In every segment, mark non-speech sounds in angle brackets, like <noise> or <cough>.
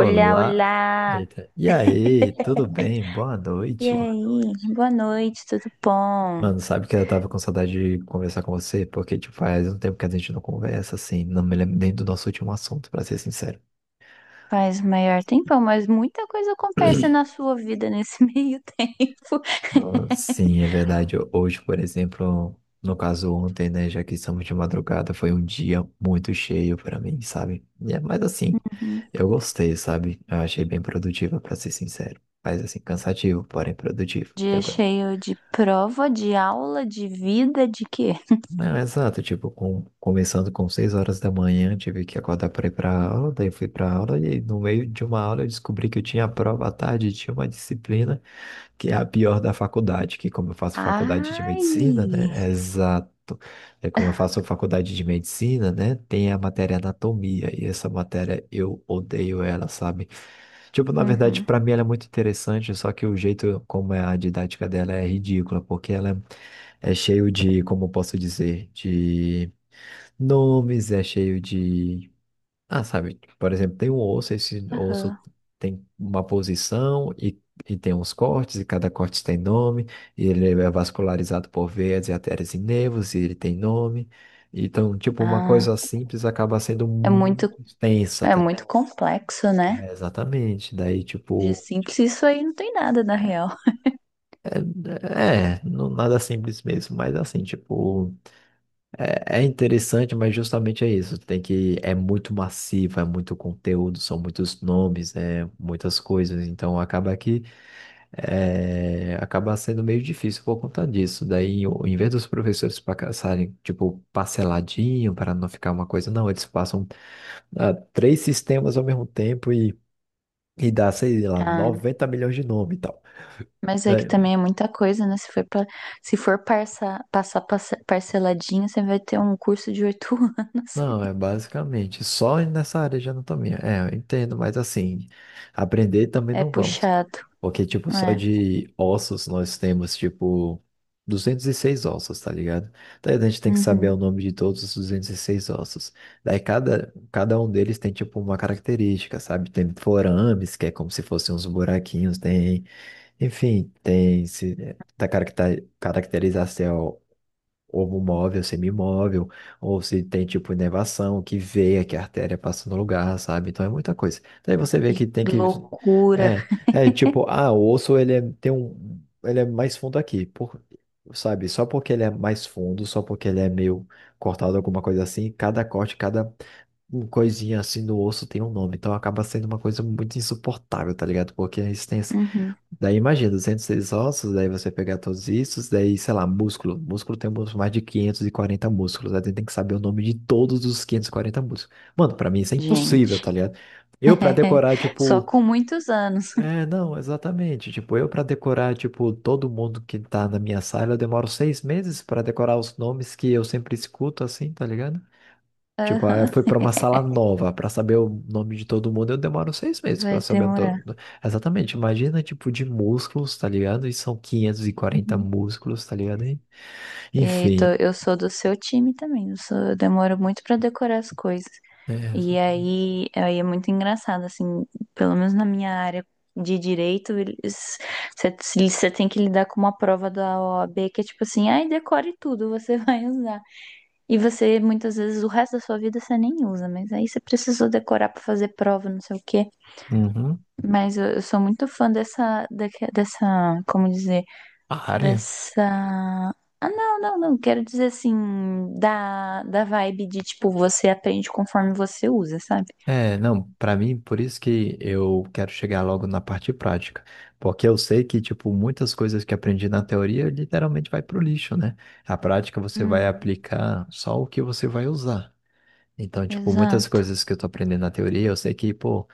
Olá, olá! Eita. E aí, tudo bem? Boa E Boa noite. aí? Noite. Boa noite, tudo bom? Mano, sabe que eu tava com saudade de conversar com você, porque tipo, faz um tempo que a gente não conversa, assim, não me lembro nem do nosso último assunto, pra ser sincero. Faz o maior tempão, mas muita coisa acontece na sua vida nesse <laughs> meio tempo. Nossa, sim, é verdade. Hoje, por exemplo, no caso ontem, né, já que estamos de madrugada, foi um dia muito cheio para mim, sabe? Mas assim, Uhum. eu gostei, sabe? Eu achei bem produtiva, para ser sincero. Mas assim, cansativo, porém produtivo. E Dia agora? cheio de prova, de aula, de vida, de quê? <laughs> Não, exato, tipo, começando com 6 horas da manhã, tive que acordar para ir para aula, daí fui para aula e no meio de uma aula eu descobri que eu tinha prova à tarde, e tinha uma disciplina que é a pior da faculdade, que como eu faço faculdade de medicina, Ai! né? Exato. É como eu faço faculdade de medicina, né? Tem a matéria anatomia e essa matéria eu odeio ela, sabe? Tipo, na verdade, Uhum. para mim ela é muito interessante, só que o jeito como é a didática dela é ridícula, porque ela é cheio de, como posso dizer, de nomes, é cheio de. Ah, sabe, por exemplo, tem um osso, esse osso Aham. tem uma posição e tem uns cortes, e cada corte tem nome, e ele é vascularizado por veias e artérias e nervos, e ele tem nome. Então, tipo, uma coisa Ah, simples acaba sendo é muito, muito extensa, é tá? muito complexo, né? É, exatamente. Daí, De tipo, simples, isso aí não tem nada na real. Não, nada simples mesmo, mas assim, tipo. É interessante, mas justamente é isso. Tem que é muito massivo, é muito conteúdo, são muitos nomes, é muitas coisas. Então acaba que acaba sendo meio difícil por conta disso. Daí, em vez dos professores passarem tipo parceladinho para não ficar uma coisa, não, eles passam três sistemas ao mesmo tempo e dá, sei lá, Ah. 90 milhões de nome e tal, Mas é que né? também é muita coisa, né? Se for passar parceladinho, você vai ter um curso de 8 <laughs> anos. Não, é basicamente só nessa área de anatomia. É, eu entendo, mas assim, aprender também É não vamos. puxado. Porque, tipo, só É. de ossos nós temos, tipo, 206 ossos, tá ligado? Daí a gente tem que saber Uhum. o nome de todos os 206 ossos. Daí cada um deles tem, tipo, uma característica, sabe? Tem forames, que é como se fossem uns buraquinhos, tem, enfim, tem se, da caracterização ou móvel, semimóvel, ou se tem tipo inervação, que veia, que a artéria passa no lugar, sabe? Então é muita coisa. Daí você vê Que que tem que. loucura. É tipo, o osso ele é, tem um. Ele é mais fundo aqui, por, sabe? Só porque ele é mais fundo, só porque ele é meio cortado, alguma coisa assim, cada corte, cada coisinha assim no osso tem um nome. Então acaba sendo uma coisa muito insuportável, tá ligado? Porque a resistência. Uhum. Daí imagina, 206 ossos, daí você pegar todos isso, daí, sei lá, músculo. Músculo tem mais de 540 músculos, aí tem que saber o nome de todos os 540 músculos. Mano, pra mim isso é impossível, Gente. tá ligado? Eu pra <laughs> decorar, Só tipo, com muitos anos. é, não, exatamente. Tipo, eu pra decorar, tipo, todo mundo que tá na minha sala, eu demoro 6 meses pra decorar os nomes que eu sempre escuto, assim, tá ligado? Tipo, ah, eu fui Aham. pra uma sala nova pra saber o nome de todo mundo. Eu demoro 6 meses pra Vai saber demorar. todo. Exatamente. Imagina, tipo, de músculos, tá ligado? E são quinhentos e quarenta Uhum. músculos, tá ligado? E tô- Enfim. eu sou do seu time também. Eu demoro muito pra decorar as coisas. É, E aí, é muito engraçado, assim, pelo menos na minha área de Direito, você tem que lidar com uma prova da OAB que é tipo assim, ai, decore tudo, você <laughs> vai usar. E você, muitas vezes, o resto da sua vida você nem usa, mas aí você precisou decorar pra fazer prova, não sei o quê. uhum. Mas eu sou muito fã dessa, dessa, como dizer, A área? dessa. Ah, não, não, não. Quero dizer assim, da vibe de tipo, você aprende conforme você usa, sabe? É, não, pra mim, por isso que eu quero chegar logo na parte prática. Porque eu sei que, tipo, muitas coisas que aprendi na teoria literalmente vai pro lixo, né? A prática você vai aplicar só o que você vai usar. Então, tipo, muitas Exato. coisas que eu tô aprendendo na teoria, eu sei que, pô.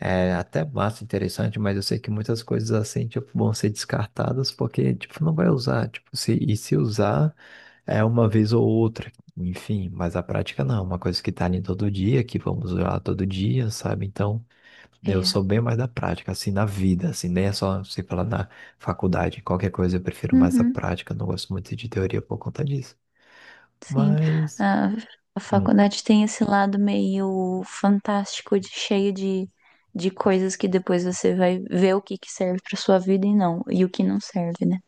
É até massa, interessante, mas eu sei que muitas coisas assim, tipo, vão ser descartadas porque, tipo, não vai usar, tipo, se, e se usar é uma vez ou outra, enfim, mas a prática não, é uma coisa que tá ali todo dia, que vamos usar todo dia, sabe? Então, eu É. sou bem mais da prática, assim, na vida, assim, nem é só, sei lá, na faculdade, qualquer coisa eu prefiro mais a Uhum, prática, não gosto muito de teoria por conta disso, sim. mas, A, a faculdade tem esse lado meio fantástico, de, cheio de coisas que depois você vai ver o que que serve para sua vida e não, e o que não serve, né?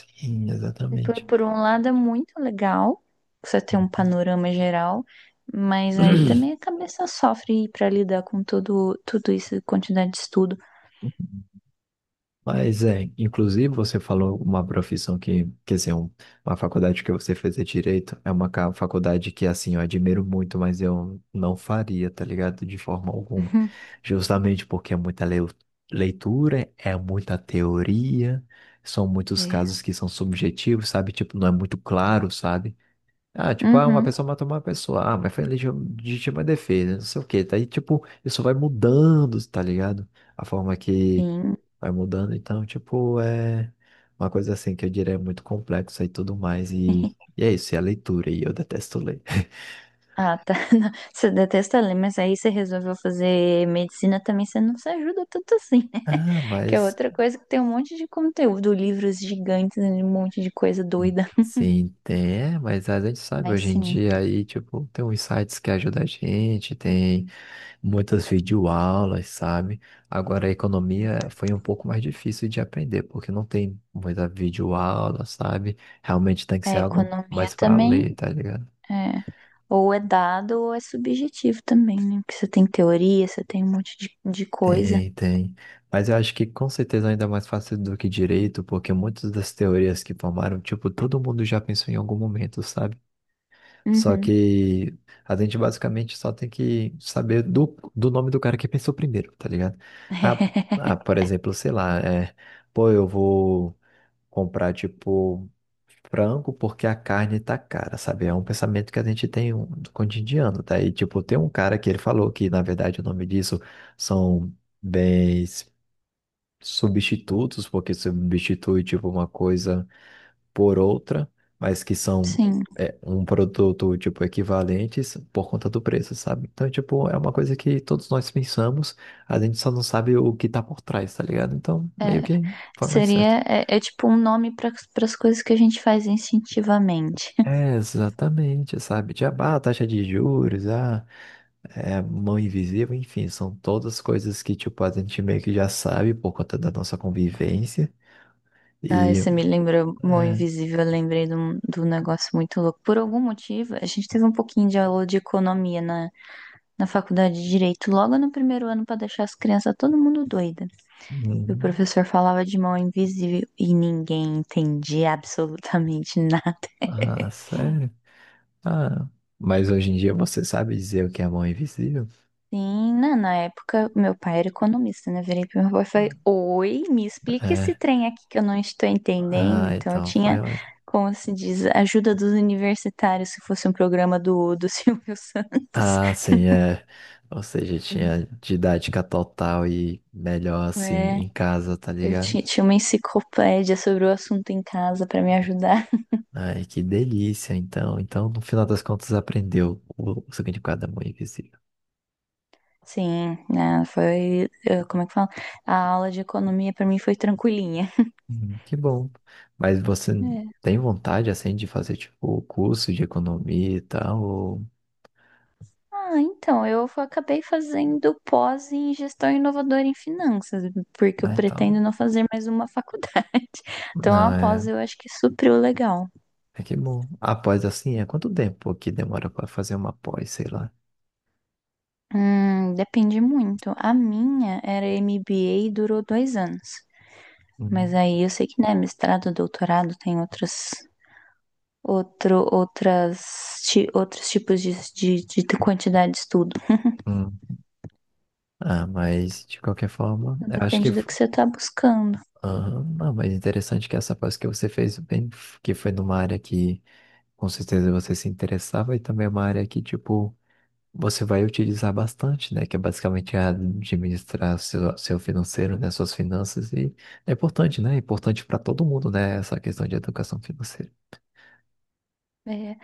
enfim, E Por, exatamente. por um lado é muito legal você ter um panorama geral, mas aí Uhum. também a cabeça sofre para lidar com tudo, tudo isso, quantidade de estudo. <clears throat> Mas é, inclusive você falou uma profissão que, quer dizer, uma faculdade que você fez é direito, é uma faculdade que, assim, eu admiro muito, mas eu não faria, tá ligado? De forma alguma. Uhum, Justamente porque é muita leitura, é muita teoria, são muitos é. casos que são subjetivos, sabe? Tipo, não é muito claro, sabe? Ah, tipo, ah, uma Uhum, pessoa matou uma pessoa. Ah, mas foi legítima defesa, não sei o quê. Daí, tipo, isso vai mudando, tá ligado? A forma que sim. vai mudando. Então, tipo, é uma coisa assim que eu diria é muito complexa e tudo mais. E é isso, é a leitura. E eu detesto ler. <laughs> Ah, tá. <laughs> Não, você detesta ler, mas aí você resolveu fazer medicina também, você não se ajuda tanto assim, né? Ah, <laughs> Que é mas. outra coisa que tem um monte de conteúdo, livros gigantes, né, um monte de coisa Sim, doida. sim, tem. É, mas a gente sabe Mas hoje em sim, dia aí, tipo, tem uns sites que ajudam a gente, tem muitas videoaulas, sabe? Agora, a economia foi um pouco mais difícil de aprender, porque não tem muita videoaula, sabe? Realmente tem que ser a algo economia mais para também ler, tá ligado? é. Ou é dado ou é subjetivo também, né? Porque você tem teoria, você tem um monte de coisa. Tem, tem. Mas eu acho que com certeza ainda é mais fácil do que direito, porque muitas das teorias que formaram, tipo, todo mundo já pensou em algum momento, sabe? Só Uhum. que a gente basicamente só tem que saber do nome do cara que pensou primeiro, tá ligado? Ah, ah, por <laughs> exemplo, sei lá, é, pô, eu vou comprar, tipo, frango porque a carne tá cara, sabe? É um pensamento que a gente tem um, do cotidiano, tá? E, tipo, tem um cara que ele falou que, na verdade, o nome disso são bens substitutos, porque substitui, tipo, uma coisa por outra, mas que são Sim. Um produto, tipo, equivalentes por conta do preço, sabe? Então, tipo, é uma coisa que todos nós pensamos, a gente só não sabe o que tá por trás, tá ligado? Então, É, meio que foi mais certo. seria, é tipo um nome para as coisas que a gente faz instintivamente. É, exatamente, sabe? Tipo, taxa de juros, mão invisível, enfim, são todas coisas que, tipo, a gente meio que já sabe por conta da nossa convivência. Ah, E, você me lembrou Mão é, Invisível, eu lembrei de um negócio muito louco. Por algum motivo, a gente teve um pouquinho de aula de economia na, faculdade de Direito, logo no primeiro ano, para deixar as crianças todo mundo doida. E o hum, professor falava de mão invisível e ninguém entendia absolutamente <laughs> nada. sério? Ah, mas hoje em dia você sabe dizer o que é mão invisível? Sim, na época, meu pai era economista, né? Virei pro meu pai e falei, Ah. oi, me explica esse É, trem aqui que eu não estou entendendo. Então, eu então foi tinha, ótimo. como se diz, a ajuda dos universitários, se fosse um programa do <laughs> Silvio Santos. Ah, sim, é. Ou seja, tinha didática total e melhor assim É, em casa, tá eu ligado? ti- tinha uma enciclopédia sobre o assunto em casa para me ajudar. Ai, que delícia, então. Então, no final das contas, aprendeu o significado da mão invisível. Sim, né? Foi, como é que fala? A aula de economia para mim foi tranquilinha. Que bom. Mas você tem vontade, assim, de fazer, tipo, o curso de economia e tal? Ou. Ah, então, acabei fazendo pós em gestão inovadora em finanças, porque eu Ah, então. pretendo não fazer mais uma faculdade. <laughs> Então, Não, a pós é. eu acho que supriu legal. É que bom. A pós, assim, é quanto tempo que demora para fazer uma pós, sei lá? Depende muito. A minha era MBA e durou 2 anos. Mas Hum, aí eu sei que, né, mestrado, doutorado tem outras, outro, outras, ti- outros tipos de quantidade de estudo. hum. Ah, mas, de qualquer forma, Então, eu acho que depende do que você está buscando. Aham. Não, mas interessante que essa pós que você fez, bem, que foi numa área que. Com certeza você se interessava e também é uma área que, tipo, você vai utilizar bastante, né? Que é basicamente administrar seu financeiro, né? Suas finanças. E é importante, né? É importante para todo mundo, né? Essa questão de educação financeira. É.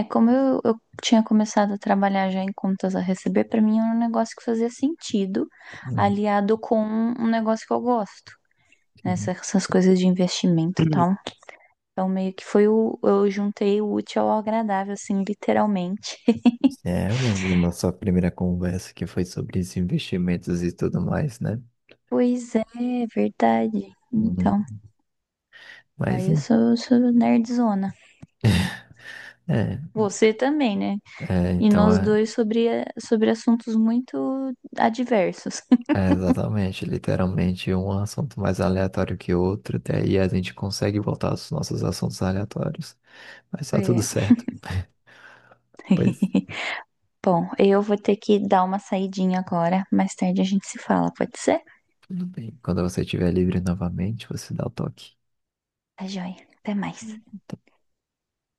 É, como eu tinha começado a trabalhar já em contas a receber, pra mim era um negócio que fazia sentido, Hum, aliado com um negócio que eu gosto, né? sim. Essas coisas de investimento e tal. Então, meio que foi o. Eu juntei o útil ao agradável, assim, literalmente. É, eu lembro da nossa primeira conversa que foi sobre os investimentos e tudo mais, né? Pois é, verdade. Então, Uhum. Mas, aí eu sou nerdzona. é, Você também, né? E então nós dois sobre assuntos muito adversos. <laughs> Exatamente, literalmente um assunto mais aleatório que outro, daí a gente consegue voltar aos nossos assuntos aleatórios, mas tá tudo É. certo. Pois. <laughs> Bom, eu vou ter que dar uma saidinha agora. Mais tarde a gente se fala, pode ser? Tudo bem. Quando você estiver livre novamente, você dá o toque. Tá joia. Até mais.